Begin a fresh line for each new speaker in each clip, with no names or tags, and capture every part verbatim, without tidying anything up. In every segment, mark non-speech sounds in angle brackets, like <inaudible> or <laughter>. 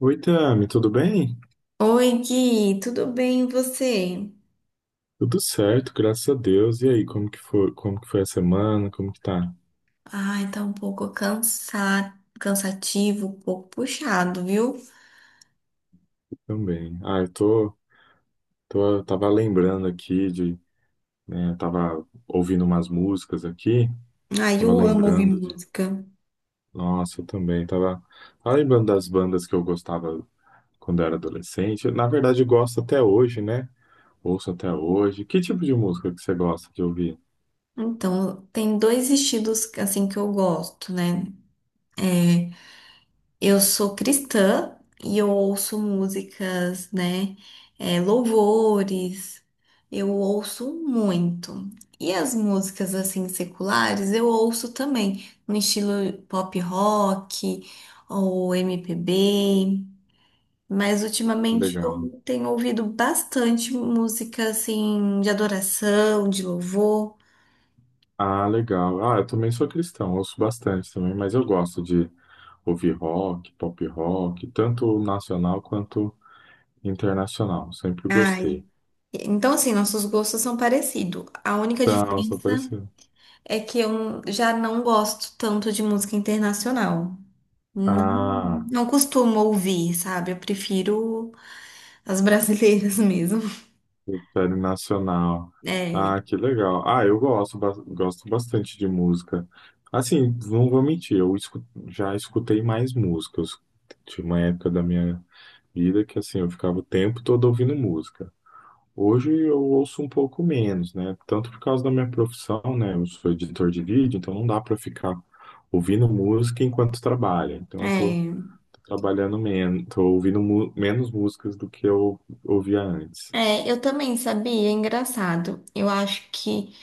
Oi, Tami, tudo bem?
Oi, Gui, tudo bem e você?
Tudo certo, graças a Deus. E aí, como que foi, como que foi a semana? Como que tá?
Ai, tá um pouco cansa... cansativo, um pouco puxado, viu?
Também. Ah, eu tô, tô, tava lembrando aqui de, né, tava ouvindo umas músicas aqui,
Ai,
tava
eu amo ouvir
lembrando de,
música.
nossa, eu também tava, tava lembrando das bandas que eu gostava quando era adolescente. Na verdade, eu gosto até hoje, né? Ouço até hoje. Que tipo de música que você gosta de ouvir?
Então, tem dois estilos assim que eu gosto, né? É, eu sou cristã e eu ouço músicas, né? É, louvores, eu ouço muito. E as músicas assim seculares eu ouço também, no estilo pop rock ou M P B. Mas
Que
ultimamente
legal.
eu tenho ouvido bastante música assim de adoração, de louvor.
Ah, legal. Ah, eu também sou cristão, ouço bastante também, mas eu gosto de ouvir rock, pop rock, tanto nacional quanto internacional. Sempre
Ai,
gostei.
então assim, nossos gostos são parecidos. A única
Não, só
diferença
apareceu.
é que eu já não gosto tanto de música internacional. Não,
Ah,
não costumo ouvir, sabe? Eu prefiro as brasileiras <laughs> mesmo.
série nacional.
É,
Ah, que legal. Ah, eu gosto, ba- gosto bastante de música. Assim, não vou mentir, eu escu- já escutei mais músicas. Tinha uma época da minha vida que assim, eu ficava o tempo todo ouvindo música. Hoje eu ouço um pouco menos, né? Tanto por causa da minha profissão, né? Eu sou editor de vídeo, então não dá para ficar ouvindo música enquanto trabalha. Então eu tô,
é.
tô trabalhando menos, tô ouvindo mu- menos músicas do que eu ouvia antes.
É, eu também sabia, é engraçado. Eu acho que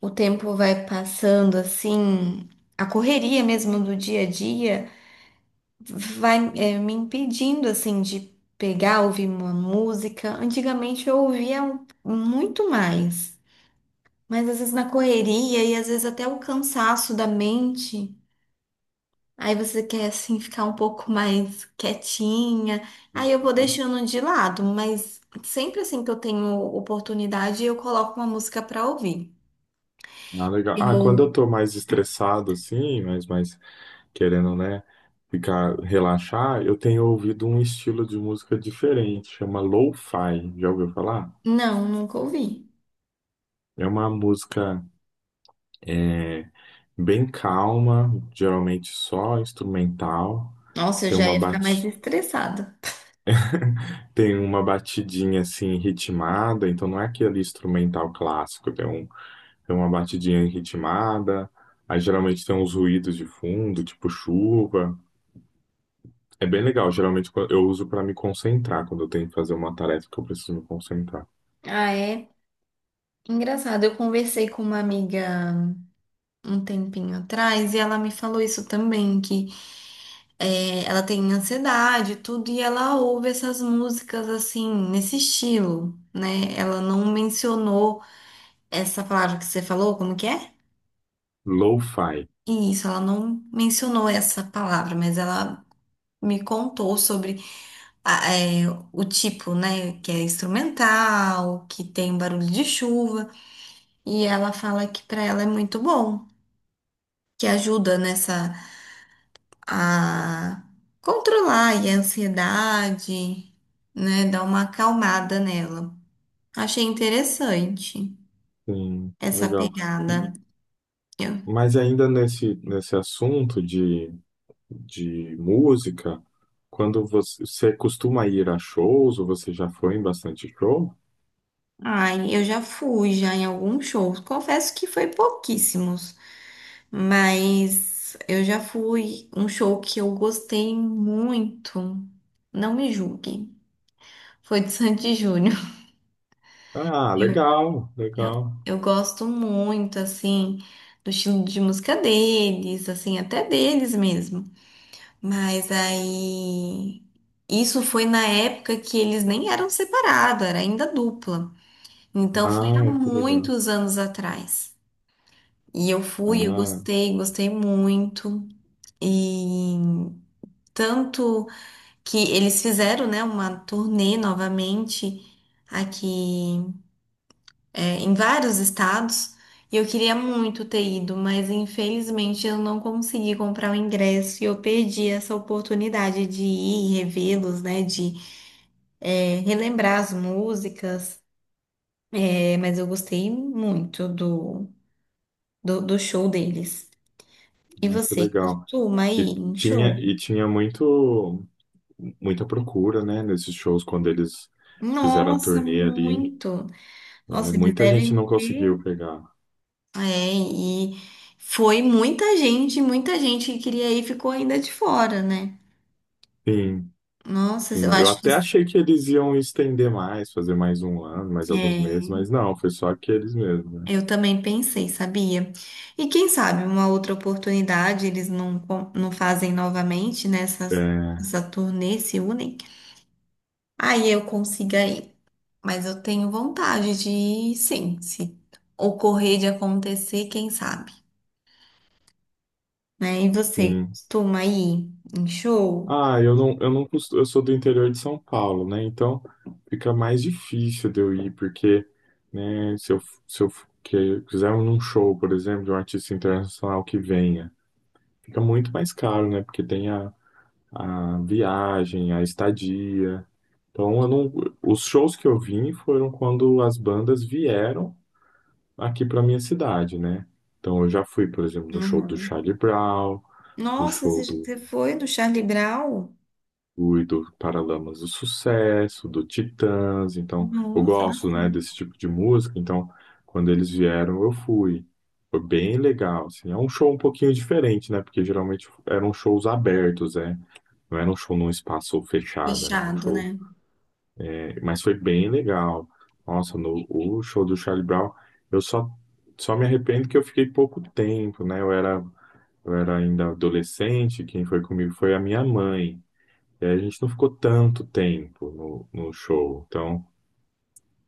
o tempo vai passando assim, a correria mesmo do dia a dia vai é, me impedindo assim de pegar, ouvir uma música. Antigamente eu ouvia muito mais. Mas às vezes na correria e às vezes até o cansaço da mente, aí você quer assim ficar um pouco mais quietinha. Aí eu vou
Aham.
deixando de lado, mas sempre assim que eu tenho oportunidade, eu coloco uma música pra ouvir.
Ah, legal. Ah, quando eu
Eu,
tô mais estressado, assim, mas mais querendo, né, ficar, relaxar, eu tenho ouvido um estilo de música diferente, chama lo-fi. Já ouviu falar?
Não, nunca ouvi.
É uma música. É, bem calma, geralmente só instrumental.
Nossa, eu
Tem
já
uma
ia ficar mais
bati...
estressada.
<laughs> Tem uma batidinha assim ritmada, então não é aquele instrumental clássico, tem, um... tem uma batidinha ritmada. Aí geralmente tem uns ruídos de fundo, tipo chuva. É bem legal, geralmente quando- eu uso para me concentrar quando eu tenho que fazer uma tarefa que eu preciso me concentrar.
Ah, é engraçado. Eu conversei com uma amiga um tempinho atrás e ela me falou isso também, que é, ela tem ansiedade, e tudo, e ela ouve essas músicas assim, nesse estilo, né? Ela não mencionou essa palavra que você falou, como que é?
Lo-fi.
Isso, ela não mencionou essa palavra, mas ela me contou sobre a- é, o tipo, né? Que é instrumental, que tem barulho de chuva, e ela fala que para ela é muito bom, que ajuda nessa. A controlar aí a ansiedade, né? Dar uma acalmada nela. Achei interessante
Sim,
essa
legal. E-
pegada. Eu-
mas ainda nesse, nesse assunto de de música, quando você, você costuma ir a shows ou você já foi em bastante show?
ai, eu já fui já em alguns shows. Confesso que foi pouquíssimos, mas eu já fui um show que eu gostei muito. Não me julgue. Foi de Sandy <laughs> e Júnior.
Ah,
Eu,
legal,
eu,
legal.
eu gosto muito, assim, do estilo de música deles, assim, até deles mesmo. Mas aí. Isso foi na época que eles nem eram separados, era ainda dupla. Então foi há
Ah, que legal.
muitos anos atrás. E eu fui, eu
Ah,
gostei, gostei muito. E tanto que eles fizeram, né, uma turnê novamente aqui é, em vários estados e eu queria muito ter ido, mas infelizmente eu não consegui comprar o ingresso e eu perdi essa oportunidade de ir e revê-los, né? De é, relembrar as músicas. É, mas eu gostei muito do, do, do show deles. E
ah, que
você
legal.
costuma
E
ir em
tinha,
show?
e tinha muito, muita procura, né, nesses shows quando eles fizeram a
Nossa,
turnê ali.
muito!
É,
Nossa, eles
muita gente
devem
não
ter.
conseguiu pegar.
É, e foi muita gente, muita gente que queria ir ficou ainda de fora, né?
Sim,
Nossa, eu
sim, eu
acho que
até achei que eles iam estender mais, fazer mais um ano, mais alguns meses,
é,
mas não, foi só aqueles mesmo, né?
eu também pensei, sabia? E quem sabe uma outra oportunidade eles não, con- não fazem novamente nessa
É,
essa turnê, se unem. Aí eu consiga ir. Mas eu tenho vontade de ir, sim, se ocorrer de acontecer, quem sabe, né? E você
sim.
costuma ir em show?
Ah, eu não, eu não costu- eu sou do interior de São Paulo, né? Então fica mais difícil de eu ir, porque, né, se eu, se eu que, quiser um show, por exemplo, de um artista internacional que venha, fica muito mais caro, né? Porque tem a, a viagem, a estadia. Então eu não, os shows que eu vim foram quando as bandas vieram aqui para minha cidade, né? Então eu já fui, por exemplo, no show do
Uhum.
Charlie Brown, do
Nossa,
show
você
do
você foi no Charlie Brown?
Rui, do Paralamas do Sucesso, do Titãs. Então eu
Nossa,
gosto, né,
bastante.
desse tipo de música. Então quando eles vieram eu fui. Foi bem legal, assim. É um show um pouquinho diferente, né? Porque geralmente eram shows abertos, né? Não era um show num espaço fechado, era um
Fechado,
show.
né?
É, mas foi bem legal. Nossa, no o show do Charlie Brown, eu só só me arrependo que eu fiquei pouco tempo, né? Eu era Eu era ainda adolescente, quem foi comigo foi a minha mãe. E aí a gente não ficou tanto tempo no, no show, então,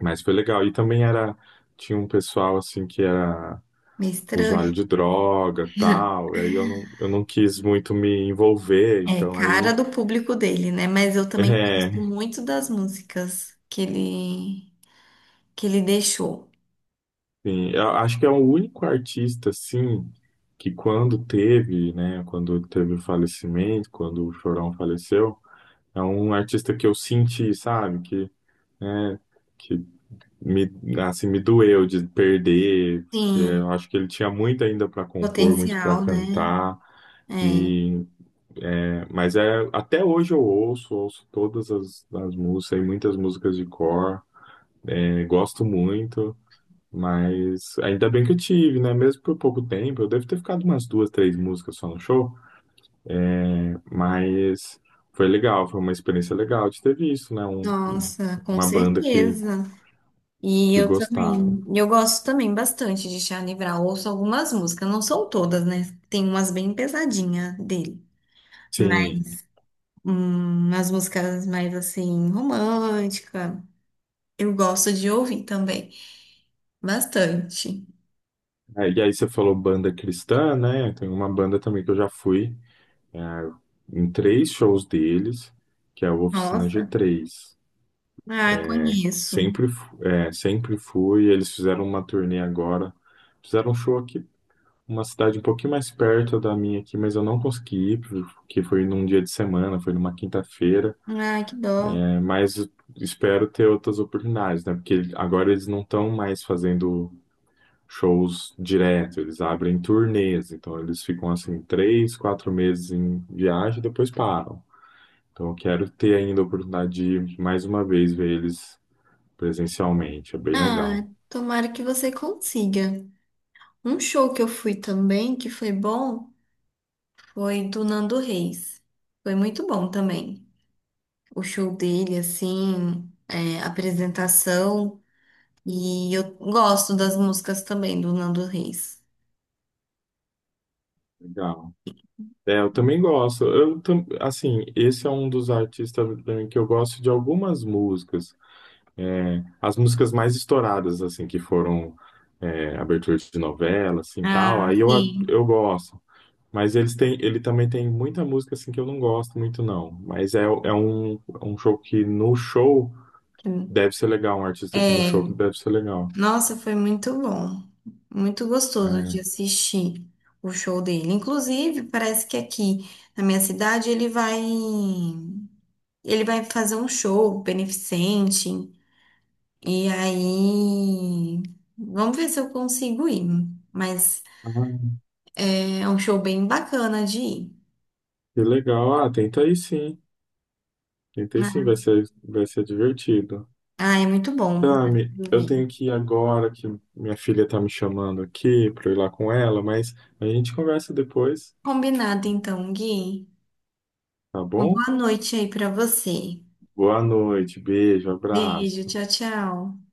mas foi legal. E também era, tinha um pessoal assim que era
Meio
usuário
estranho.
de droga, tal, e aí eu não, eu não quis muito me envolver,
É
então
cara
aí,
do público dele, né? Mas eu também gosto
<laughs> é,
muito das músicas que ele que ele deixou.
sim, eu acho que é o único artista assim que quando teve, né, quando teve o falecimento, quando o Chorão faleceu, é um artista que eu senti, sabe, que, né, que me, assim, me doeu de perder, porque
Sim,
eu acho que ele tinha muito ainda para compor, muito para
potencial, né?
cantar.
É.
E, é, mas é, até hoje eu ouço, ouço todas as, as músicas, e muitas músicas de cor, é, gosto muito, mas ainda bem que eu tive, né? Mesmo por pouco tempo, eu devo ter ficado umas duas, três músicas só no show, mas foi legal, foi uma experiência legal de ter visto, né? Um,
Nossa, com
uma banda que,
certeza. E
que
eu
gostava.
também, eu gosto também bastante de Charlie Brown. Ouço algumas músicas, não são todas, né? Tem umas bem pesadinhas dele, mas
Sim.
hum, as músicas mais assim romântica, eu gosto de ouvir também, bastante.
É, e aí você falou banda cristã, né? Tem uma banda também que eu já fui é, em três shows deles, que é o Oficina g
Nossa,
três
ah, conheço.
Sempre, fu- é, sempre fui. Eles fizeram uma turnê agora. Fizeram um show aqui, uma cidade um pouquinho mais perto da minha aqui, mas eu não consegui ir, porque foi num dia de semana, foi numa quinta-feira.
Ai, que dó.
É, mas espero ter outras oportunidades, né? Porque agora eles não estão mais fazendo shows direto, eles abrem turnês, então eles ficam assim três, quatro meses em viagem e depois param. Então eu quero ter ainda a oportunidade de ir mais uma vez ver eles presencialmente, é bem
Ah,
legal.
tomara que você consiga. Um show que eu fui também, que foi bom, foi do Nando Reis. Foi muito bom também. O show dele, assim, é, a apresentação. E eu gosto das músicas também do Nando Reis.
Legal. É, eu também gosto. Eu tam- assim, esse é um dos artistas pra mim que eu gosto de algumas músicas. É, as músicas mais estouradas, assim, que foram é, abertura de novela, assim, tal.
Ah,
Aí eu,
sim.
eu gosto. Mas eles têm, ele também tem muita música assim que eu não gosto muito, não. Mas é, é um, é um show que no show deve ser legal, um artista aqui no
É,
show que deve ser legal.
nossa, foi muito bom. Muito gostoso de
É.
assistir o show dele. Inclusive, parece que aqui na minha cidade ele vai. Ele vai fazer um show beneficente. E aí. Vamos ver se eu consigo ir. Mas
Ai,
é um show bem bacana de ir.
que legal. Ah, tenta aí sim. Tenta aí sim, vai ser, vai ser divertido.
Ah, é muito bom.
Tami, eu tenho que ir agora que minha filha tá me chamando aqui pra eu ir lá com ela, mas a gente conversa depois,
Combinado então, Gui.
tá
Uma
bom?
boa noite aí pra você.
Boa noite, beijo,
Beijo,
abraço.
tchau, tchau.